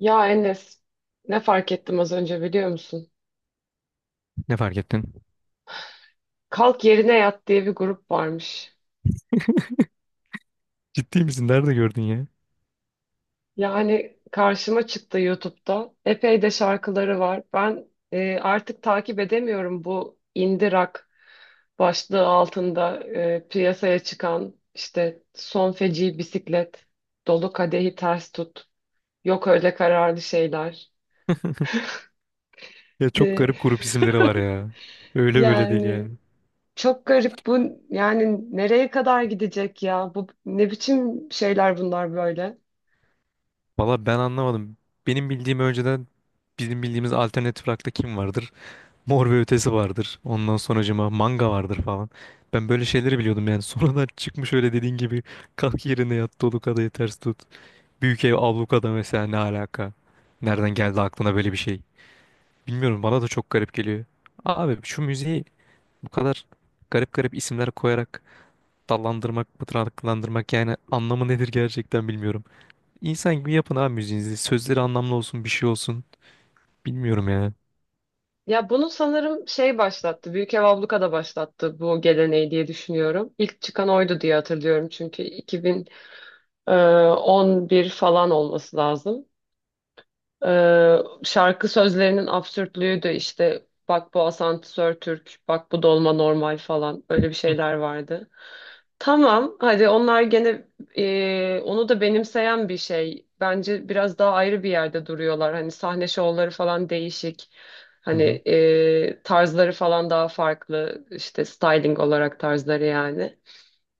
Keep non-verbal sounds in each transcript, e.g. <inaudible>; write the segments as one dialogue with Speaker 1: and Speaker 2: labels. Speaker 1: Ya Enes, ne fark ettim az önce biliyor musun?
Speaker 2: Ne fark ettin?
Speaker 1: Kalk Yerine Yat diye bir grup varmış.
Speaker 2: Ciddi misin? Nerede gördün ya?
Speaker 1: Yani karşıma çıktı YouTube'da. Epey de şarkıları var. Ben artık takip edemiyorum bu indie rock başlığı altında piyasaya çıkan işte Son Feci Bisiklet, Dolu Kadehi Ters Tut, Yok Öyle Kararlı Şeyler.
Speaker 2: <laughs> Ya çok
Speaker 1: E,
Speaker 2: garip grup isimleri var ya. Öyle böyle değil
Speaker 1: yani
Speaker 2: yani.
Speaker 1: Çok garip bu yani nereye kadar gidecek ya? Bu ne biçim şeyler bunlar böyle?
Speaker 2: Valla ben anlamadım. Benim bildiğim önceden bizim bildiğimiz alternatif rock'ta kim vardır? Mor ve Ötesi vardır. Ondan sonracıma Manga vardır falan. Ben böyle şeyleri biliyordum yani. <laughs> Sonradan çıkmış öyle dediğin gibi kalk yerine yat dolu kadayı ters tut. Büyük ev ablukada mesela ne alaka? Nereden geldi aklına böyle bir şey? Bilmiyorum bana da çok garip geliyor. Abi şu müziği bu kadar garip garip isimler koyarak dallandırmak, budaklandırmak yani anlamı nedir gerçekten bilmiyorum. İnsan gibi yapın abi müziğinizi. Sözleri anlamlı olsun, bir şey olsun. Bilmiyorum yani.
Speaker 1: Ya bunu sanırım şey başlattı. Büyük Ev Abluka da başlattı bu geleneği diye düşünüyorum. İlk çıkan oydu diye hatırlıyorum çünkü 2011 falan olması lazım. Ee, Şarkı sözlerinin absürtlüğü de işte bak bu asansör Türk, bak bu dolma normal falan öyle bir
Speaker 2: Hı
Speaker 1: şeyler vardı. Tamam, hadi onlar gene onu da benimseyen bir şey. Bence biraz daha ayrı bir yerde duruyorlar. Hani sahne şovları falan değişik.
Speaker 2: hı.
Speaker 1: Hani
Speaker 2: Hı.
Speaker 1: tarzları falan daha farklı. İşte styling olarak tarzları yani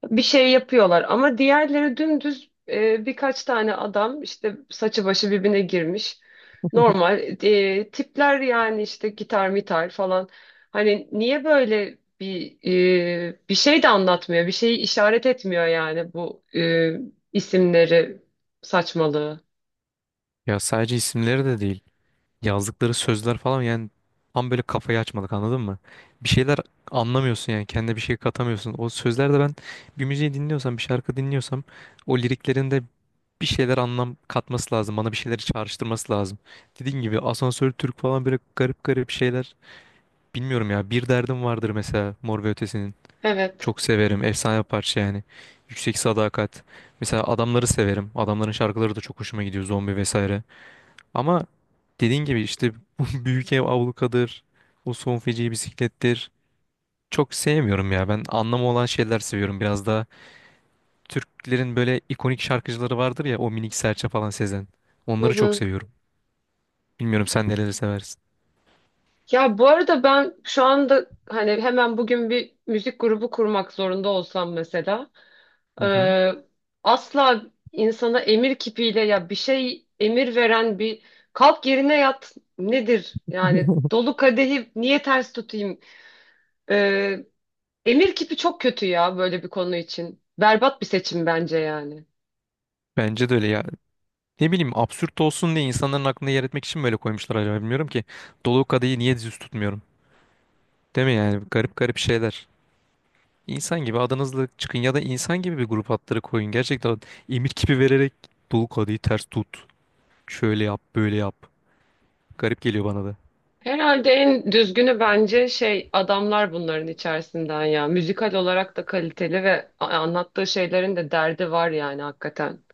Speaker 1: bir şey yapıyorlar ama diğerleri dümdüz birkaç tane adam işte saçı başı birbirine girmiş. Normal tipler yani işte gitar mitar falan. Hani niye böyle bir şey de anlatmıyor, bir şeyi işaret etmiyor yani bu isimleri saçmalığı.
Speaker 2: Ya sadece isimleri de değil. Yazdıkları sözler falan yani tam böyle kafayı açmadık anladın mı? Bir şeyler anlamıyorsun yani kendine bir şey katamıyorsun. O sözlerde ben bir müziği dinliyorsam, bir şarkı dinliyorsam o liriklerinde bir şeyler anlam katması lazım. Bana bir şeyleri çağrıştırması lazım. Dediğin gibi asansör Türk falan böyle garip garip şeyler. Bilmiyorum ya, bir derdim vardır mesela Mor ve Ötesi'nin.
Speaker 1: Evet.
Speaker 2: Çok severim. Efsane bir parça yani. Yüksek Sadakat. Mesela adamları severim. Adamların şarkıları da çok hoşuma gidiyor. Zombi vesaire. Ama dediğin gibi işte <laughs> bu Büyük Ev Ablukadır. O Son Feci Bisiklettir. Çok sevmiyorum ya. Ben anlamı olan şeyler seviyorum. Biraz daha Türklerin böyle ikonik şarkıcıları vardır ya. O Minik Serçe falan, Sezen.
Speaker 1: Hı
Speaker 2: Onları çok
Speaker 1: hı.
Speaker 2: seviyorum. Bilmiyorum sen neleri seversin.
Speaker 1: Ya bu arada ben şu anda hani hemen bugün bir müzik grubu kurmak zorunda olsam mesela
Speaker 2: Hı hı.
Speaker 1: Ee, asla insana emir kipiyle ya bir şey emir veren bir kalk yerine yat nedir? Yani dolu kadehi niye ters tutayım? Ee, Emir kipi çok kötü ya böyle bir konu için. Berbat bir seçim bence yani.
Speaker 2: Bence de öyle ya. Ne bileyim, absürt olsun diye insanların aklında yer etmek için mi böyle koymuşlar acaba, bilmiyorum ki. Dolu kadehi niye düz tutmuyorum? Değil mi yani, garip garip şeyler. İnsan gibi adınızla çıkın ya da insan gibi bir grup adları koyun. Gerçekten emir kipi vererek dolu kadehi ters tut. Şöyle yap böyle yap. Garip geliyor bana da.
Speaker 1: Herhalde en düzgünü bence şey adamlar bunların içerisinden ya. Müzikal olarak da kaliteli ve anlattığı şeylerin de derdi var yani hakikaten.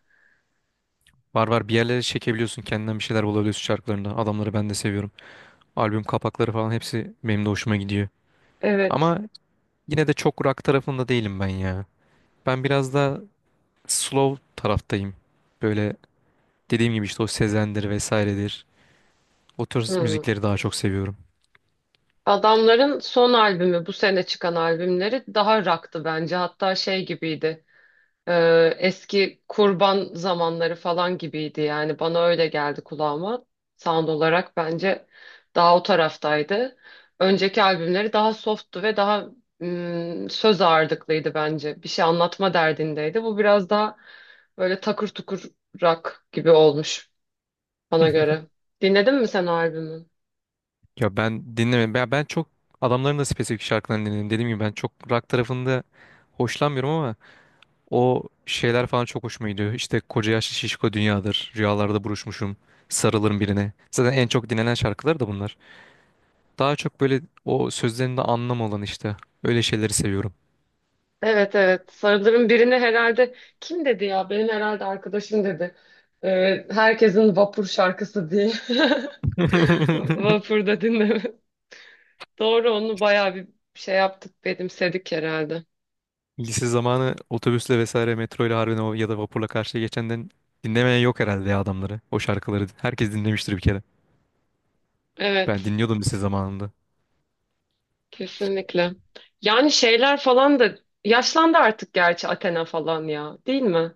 Speaker 2: Var var, bir yerlere çekebiliyorsun, kendinden bir şeyler bulabiliyorsun şarkılarında. Adamları ben de seviyorum. Albüm kapakları falan hepsi benim de hoşuma gidiyor.
Speaker 1: Evet.
Speaker 2: Ama yine de çok rock tarafında değilim ben ya. Ben biraz da slow taraftayım. Böyle, dediğim gibi işte o Sezen'dir vesairedir. O tür
Speaker 1: Hmm.
Speaker 2: müzikleri daha çok seviyorum.
Speaker 1: Adamların son albümü bu sene çıkan albümleri daha rock'tı bence. Hatta şey gibiydi. Eski kurban zamanları falan gibiydi yani bana öyle geldi kulağıma. Sound olarak bence daha o taraftaydı. Önceki albümleri daha softtu ve daha söz ağırlıklıydı bence. Bir şey anlatma derdindeydi. Bu biraz daha böyle takır tukur rock gibi olmuş bana göre.
Speaker 2: <laughs>
Speaker 1: Dinledin mi sen o albümü?
Speaker 2: Ya ben dinlemem. Ben çok adamların da spesifik şarkılarını dinledim. Dediğim gibi ben çok rock tarafında hoşlanmıyorum ama o şeyler falan çok hoşuma gidiyor. İşte koca yaşlı şişko dünyadır. Rüyalarda buruşmuşum. Sarılırım birine. Zaten en çok dinlenen şarkılar da bunlar. Daha çok böyle o sözlerinde anlam olan işte. Öyle şeyleri seviyorum.
Speaker 1: Evet, evet. Sarıların birini herhalde kim dedi ya? Benim herhalde arkadaşım dedi. Herkesin vapur şarkısı diye. <laughs>
Speaker 2: <laughs>
Speaker 1: Vapurda dinleme. <laughs> Doğru onu bayağı bir şey yaptık, benimsedik herhalde.
Speaker 2: Lise zamanı otobüsle vesaire metroyla harbiden o ya da vapurla karşıya geçenden dinlemeyen yok herhalde ya adamları. O şarkıları herkes dinlemiştir bir kere. Ben
Speaker 1: Evet,
Speaker 2: dinliyordum lise zamanında.
Speaker 1: kesinlikle. Yani şeyler falan da yaşlandı artık gerçi Athena falan ya, değil mi?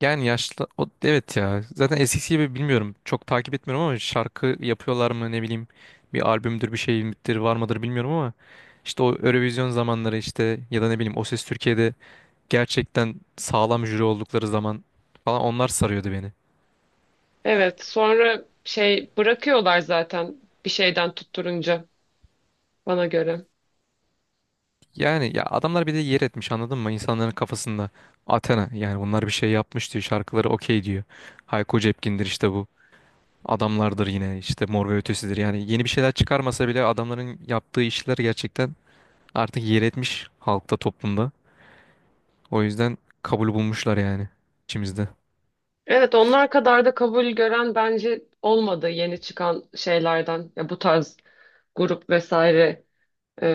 Speaker 2: Yani yaşlı o, evet ya. Zaten eskisi gibi bilmiyorum. Çok takip etmiyorum ama şarkı yapıyorlar mı ne bileyim. Bir albümdür bir şey midir var mıdır bilmiyorum ama işte o Eurovision zamanları, işte ya da ne bileyim O Ses Türkiye'de gerçekten sağlam jüri oldukları zaman falan onlar sarıyordu beni.
Speaker 1: Evet, sonra şey bırakıyorlar zaten bir şeyden tutturunca bana göre.
Speaker 2: Yani ya adamlar bir de yer etmiş anladın mı? İnsanların kafasında Athena, yani bunlar bir şey yapmış diyor, şarkıları okey diyor. Hayko Cepkin'dir işte bu. Adamlardır yine işte, Mor ve Ötesi'dir. Yani yeni bir şeyler çıkarmasa bile adamların yaptığı işler gerçekten artık yer etmiş halkta, toplumda. O yüzden kabul bulmuşlar yani içimizde.
Speaker 1: Evet, onlar kadar da kabul gören bence olmadı yeni çıkan şeylerden. Ya bu tarz grup vesaire. Ee,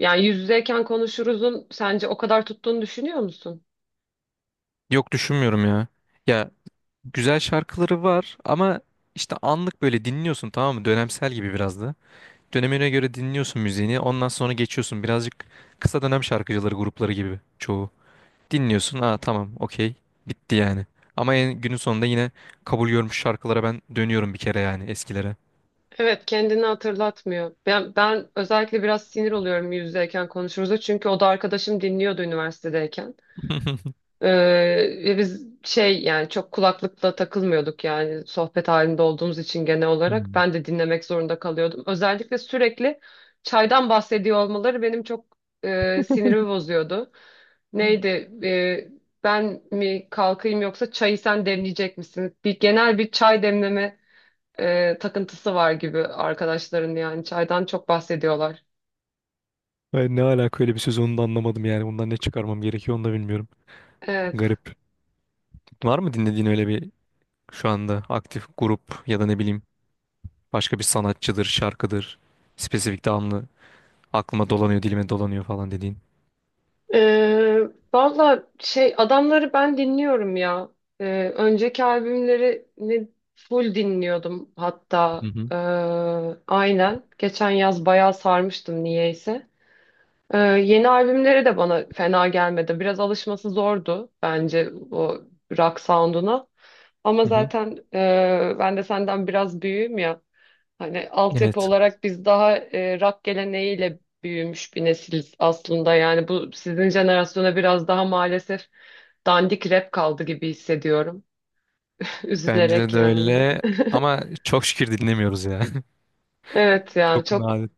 Speaker 1: Yani yüz yüzeyken konuşuruzun sence o kadar tuttuğunu düşünüyor musun?
Speaker 2: Yok düşünmüyorum ya. Ya, güzel şarkıları var ama işte anlık böyle dinliyorsun tamam mı? Dönemsel gibi biraz da. Dönemine göre dinliyorsun müziğini. Ondan sonra geçiyorsun. Birazcık kısa dönem şarkıcıları grupları gibi çoğu. Dinliyorsun. Aa, tamam, okey. Bitti yani. Ama en, günün sonunda yine kabul görmüş şarkılara ben dönüyorum bir kere yani, eskilere.
Speaker 1: Evet, kendini hatırlatmıyor. Ben özellikle biraz sinir oluyorum yüz yüzeyken konuşuruz çünkü o da arkadaşım dinliyordu üniversitedeyken.
Speaker 2: <laughs>
Speaker 1: Ee, Ve biz şey yani çok kulaklıkla takılmıyorduk yani sohbet halinde olduğumuz için genel olarak
Speaker 2: Hmm.
Speaker 1: ben de dinlemek zorunda kalıyordum. Özellikle sürekli çaydan bahsediyor olmaları benim çok sinirimi bozuyordu. Neydi e, ben mi kalkayım yoksa çayı sen demleyecek misin? Bir genel bir çay demleme takıntısı var gibi arkadaşların yani çaydan çok bahsediyorlar.
Speaker 2: Ben, ne alaka öyle bir söz, onu da anlamadım yani. Bundan ne çıkarmam gerekiyor onu da bilmiyorum.
Speaker 1: Evet.
Speaker 2: Garip. Var mı dinlediğin öyle bir, şu anda aktif grup ya da ne bileyim başka bir sanatçıdır, şarkıdır. Spesifik damlı aklıma dolanıyor, dilime dolanıyor falan dediğin.
Speaker 1: Ee, Valla şey adamları ben dinliyorum ya. Önceki albümlerini full dinliyordum
Speaker 2: Hı
Speaker 1: hatta.
Speaker 2: hı.
Speaker 1: Aynen. Geçen yaz bayağı sarmıştım niyeyse. Yeni albümleri de bana fena gelmedi. Biraz alışması zordu bence o rock sound'una. Ama
Speaker 2: Hı hı.
Speaker 1: zaten ben de senden biraz büyüğüm ya. Hani altyapı
Speaker 2: Evet.
Speaker 1: olarak biz daha rock geleneğiyle büyümüş bir nesiliz aslında. Yani bu sizin jenerasyona biraz daha maalesef dandik rap kaldı gibi hissediyorum. <laughs>
Speaker 2: Bence
Speaker 1: Üzülerek
Speaker 2: de
Speaker 1: yani.
Speaker 2: öyle ama çok şükür dinlemiyoruz ya.
Speaker 1: Evet
Speaker 2: <laughs>
Speaker 1: ya
Speaker 2: Çok
Speaker 1: çok
Speaker 2: nadir.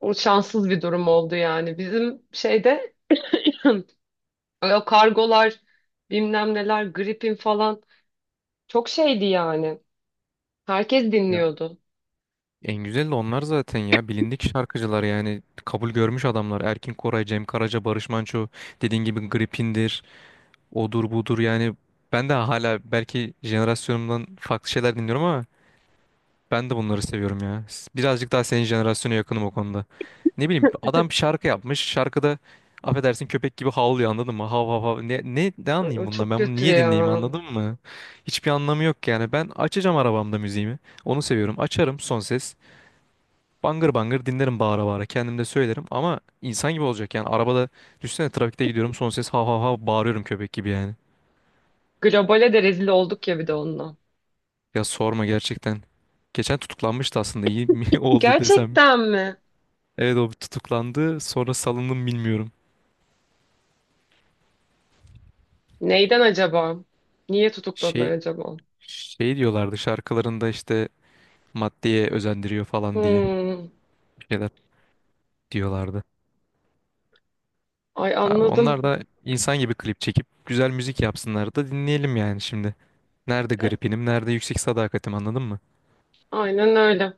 Speaker 1: o şanssız bir durum oldu yani. Bizim şeyde <clears throat> o kargolar bilmem neler gripin falan çok şeydi yani. Herkes
Speaker 2: Ya.
Speaker 1: dinliyordu.
Speaker 2: En güzel de onlar zaten ya. Bilindik şarkıcılar yani. Kabul görmüş adamlar. Erkin Koray, Cem Karaca, Barış Manço. Dediğin gibi Gripin'dir. Odur budur yani. Ben de hala belki jenerasyonumdan farklı şeyler dinliyorum ama ben de bunları seviyorum ya. Birazcık daha senin jenerasyona yakınım o konuda. Ne bileyim, adam bir şarkı yapmış. Şarkıda affedersin köpek gibi havlıyor anladın mı? Hav hav hav. Ne
Speaker 1: Ay, o
Speaker 2: anlayayım bundan?
Speaker 1: çok
Speaker 2: Ben bunu
Speaker 1: kötü
Speaker 2: niye dinleyeyim
Speaker 1: ya.
Speaker 2: anladın mı? Hiçbir anlamı yok yani. Ben açacağım arabamda müziğimi. Onu seviyorum. Açarım son ses. Bangır bangır dinlerim bağıra bağıra. Kendim de söylerim ama insan gibi olacak yani. Arabada düşünsene, trafikte gidiyorum son ses hav hav hav bağırıyorum köpek gibi yani.
Speaker 1: Globale de rezil olduk ya bir de onunla.
Speaker 2: Ya sorma gerçekten. Geçen tutuklanmıştı, aslında iyi mi <laughs> oldu desem.
Speaker 1: Gerçekten mi?
Speaker 2: Evet, o tutuklandı. Sonra salındım bilmiyorum.
Speaker 1: Neyden acaba? Niye tutukladılar
Speaker 2: Şey
Speaker 1: acaba?
Speaker 2: şey diyorlardı şarkılarında işte maddeye özendiriyor falan diye
Speaker 1: Hmm.
Speaker 2: bir şeyler diyorlardı.
Speaker 1: Ay,
Speaker 2: Abi onlar
Speaker 1: anladım.
Speaker 2: da insan gibi klip çekip güzel müzik yapsınlar da dinleyelim yani şimdi. Nerede
Speaker 1: E,
Speaker 2: Gripinim, nerede Yüksek Sadakatim anladın mı?
Speaker 1: aynen öyle.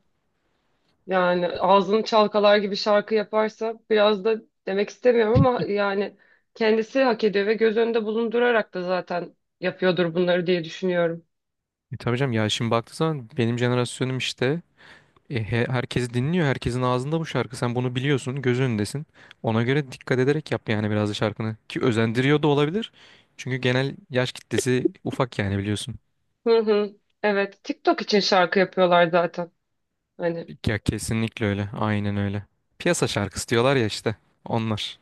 Speaker 1: Yani ağzını çalkalar gibi şarkı yaparsa biraz da demek istemiyorum ama yani kendisi hak ediyor ve göz önünde bulundurarak da zaten yapıyordur bunları diye düşünüyorum.
Speaker 2: E tabii canım ya, şimdi baktığı zaman benim jenerasyonum işte. Herkes dinliyor. Herkesin ağzında bu şarkı. Sen bunu biliyorsun. Göz önündesin. Ona göre dikkat ederek yap yani biraz da şarkını. Ki özendiriyor da olabilir. Çünkü genel yaş kitlesi ufak yani, biliyorsun.
Speaker 1: Hı hı. Evet, TikTok için şarkı yapıyorlar zaten. Hani
Speaker 2: Ya kesinlikle öyle. Aynen öyle. Piyasa şarkısı diyorlar ya işte. Onlar.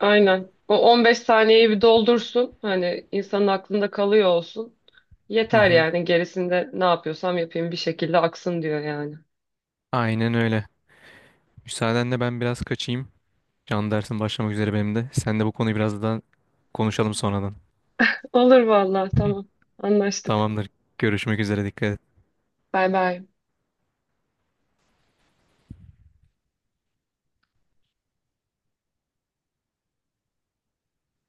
Speaker 1: aynen. O 15 saniyeyi bir doldursun. Hani insanın aklında kalıyor olsun.
Speaker 2: Hı
Speaker 1: Yeter
Speaker 2: hı.
Speaker 1: yani. Gerisinde ne yapıyorsam yapayım bir şekilde aksın diyor yani.
Speaker 2: Aynen öyle. Müsaadenle ben biraz kaçayım. Can dersim başlamak üzere benim de. Sen de bu konuyu biraz daha konuşalım sonradan.
Speaker 1: Olur vallahi,
Speaker 2: <laughs>
Speaker 1: tamam. Anlaştık.
Speaker 2: Tamamdır. Görüşmek üzere. Dikkat et.
Speaker 1: Bay bay.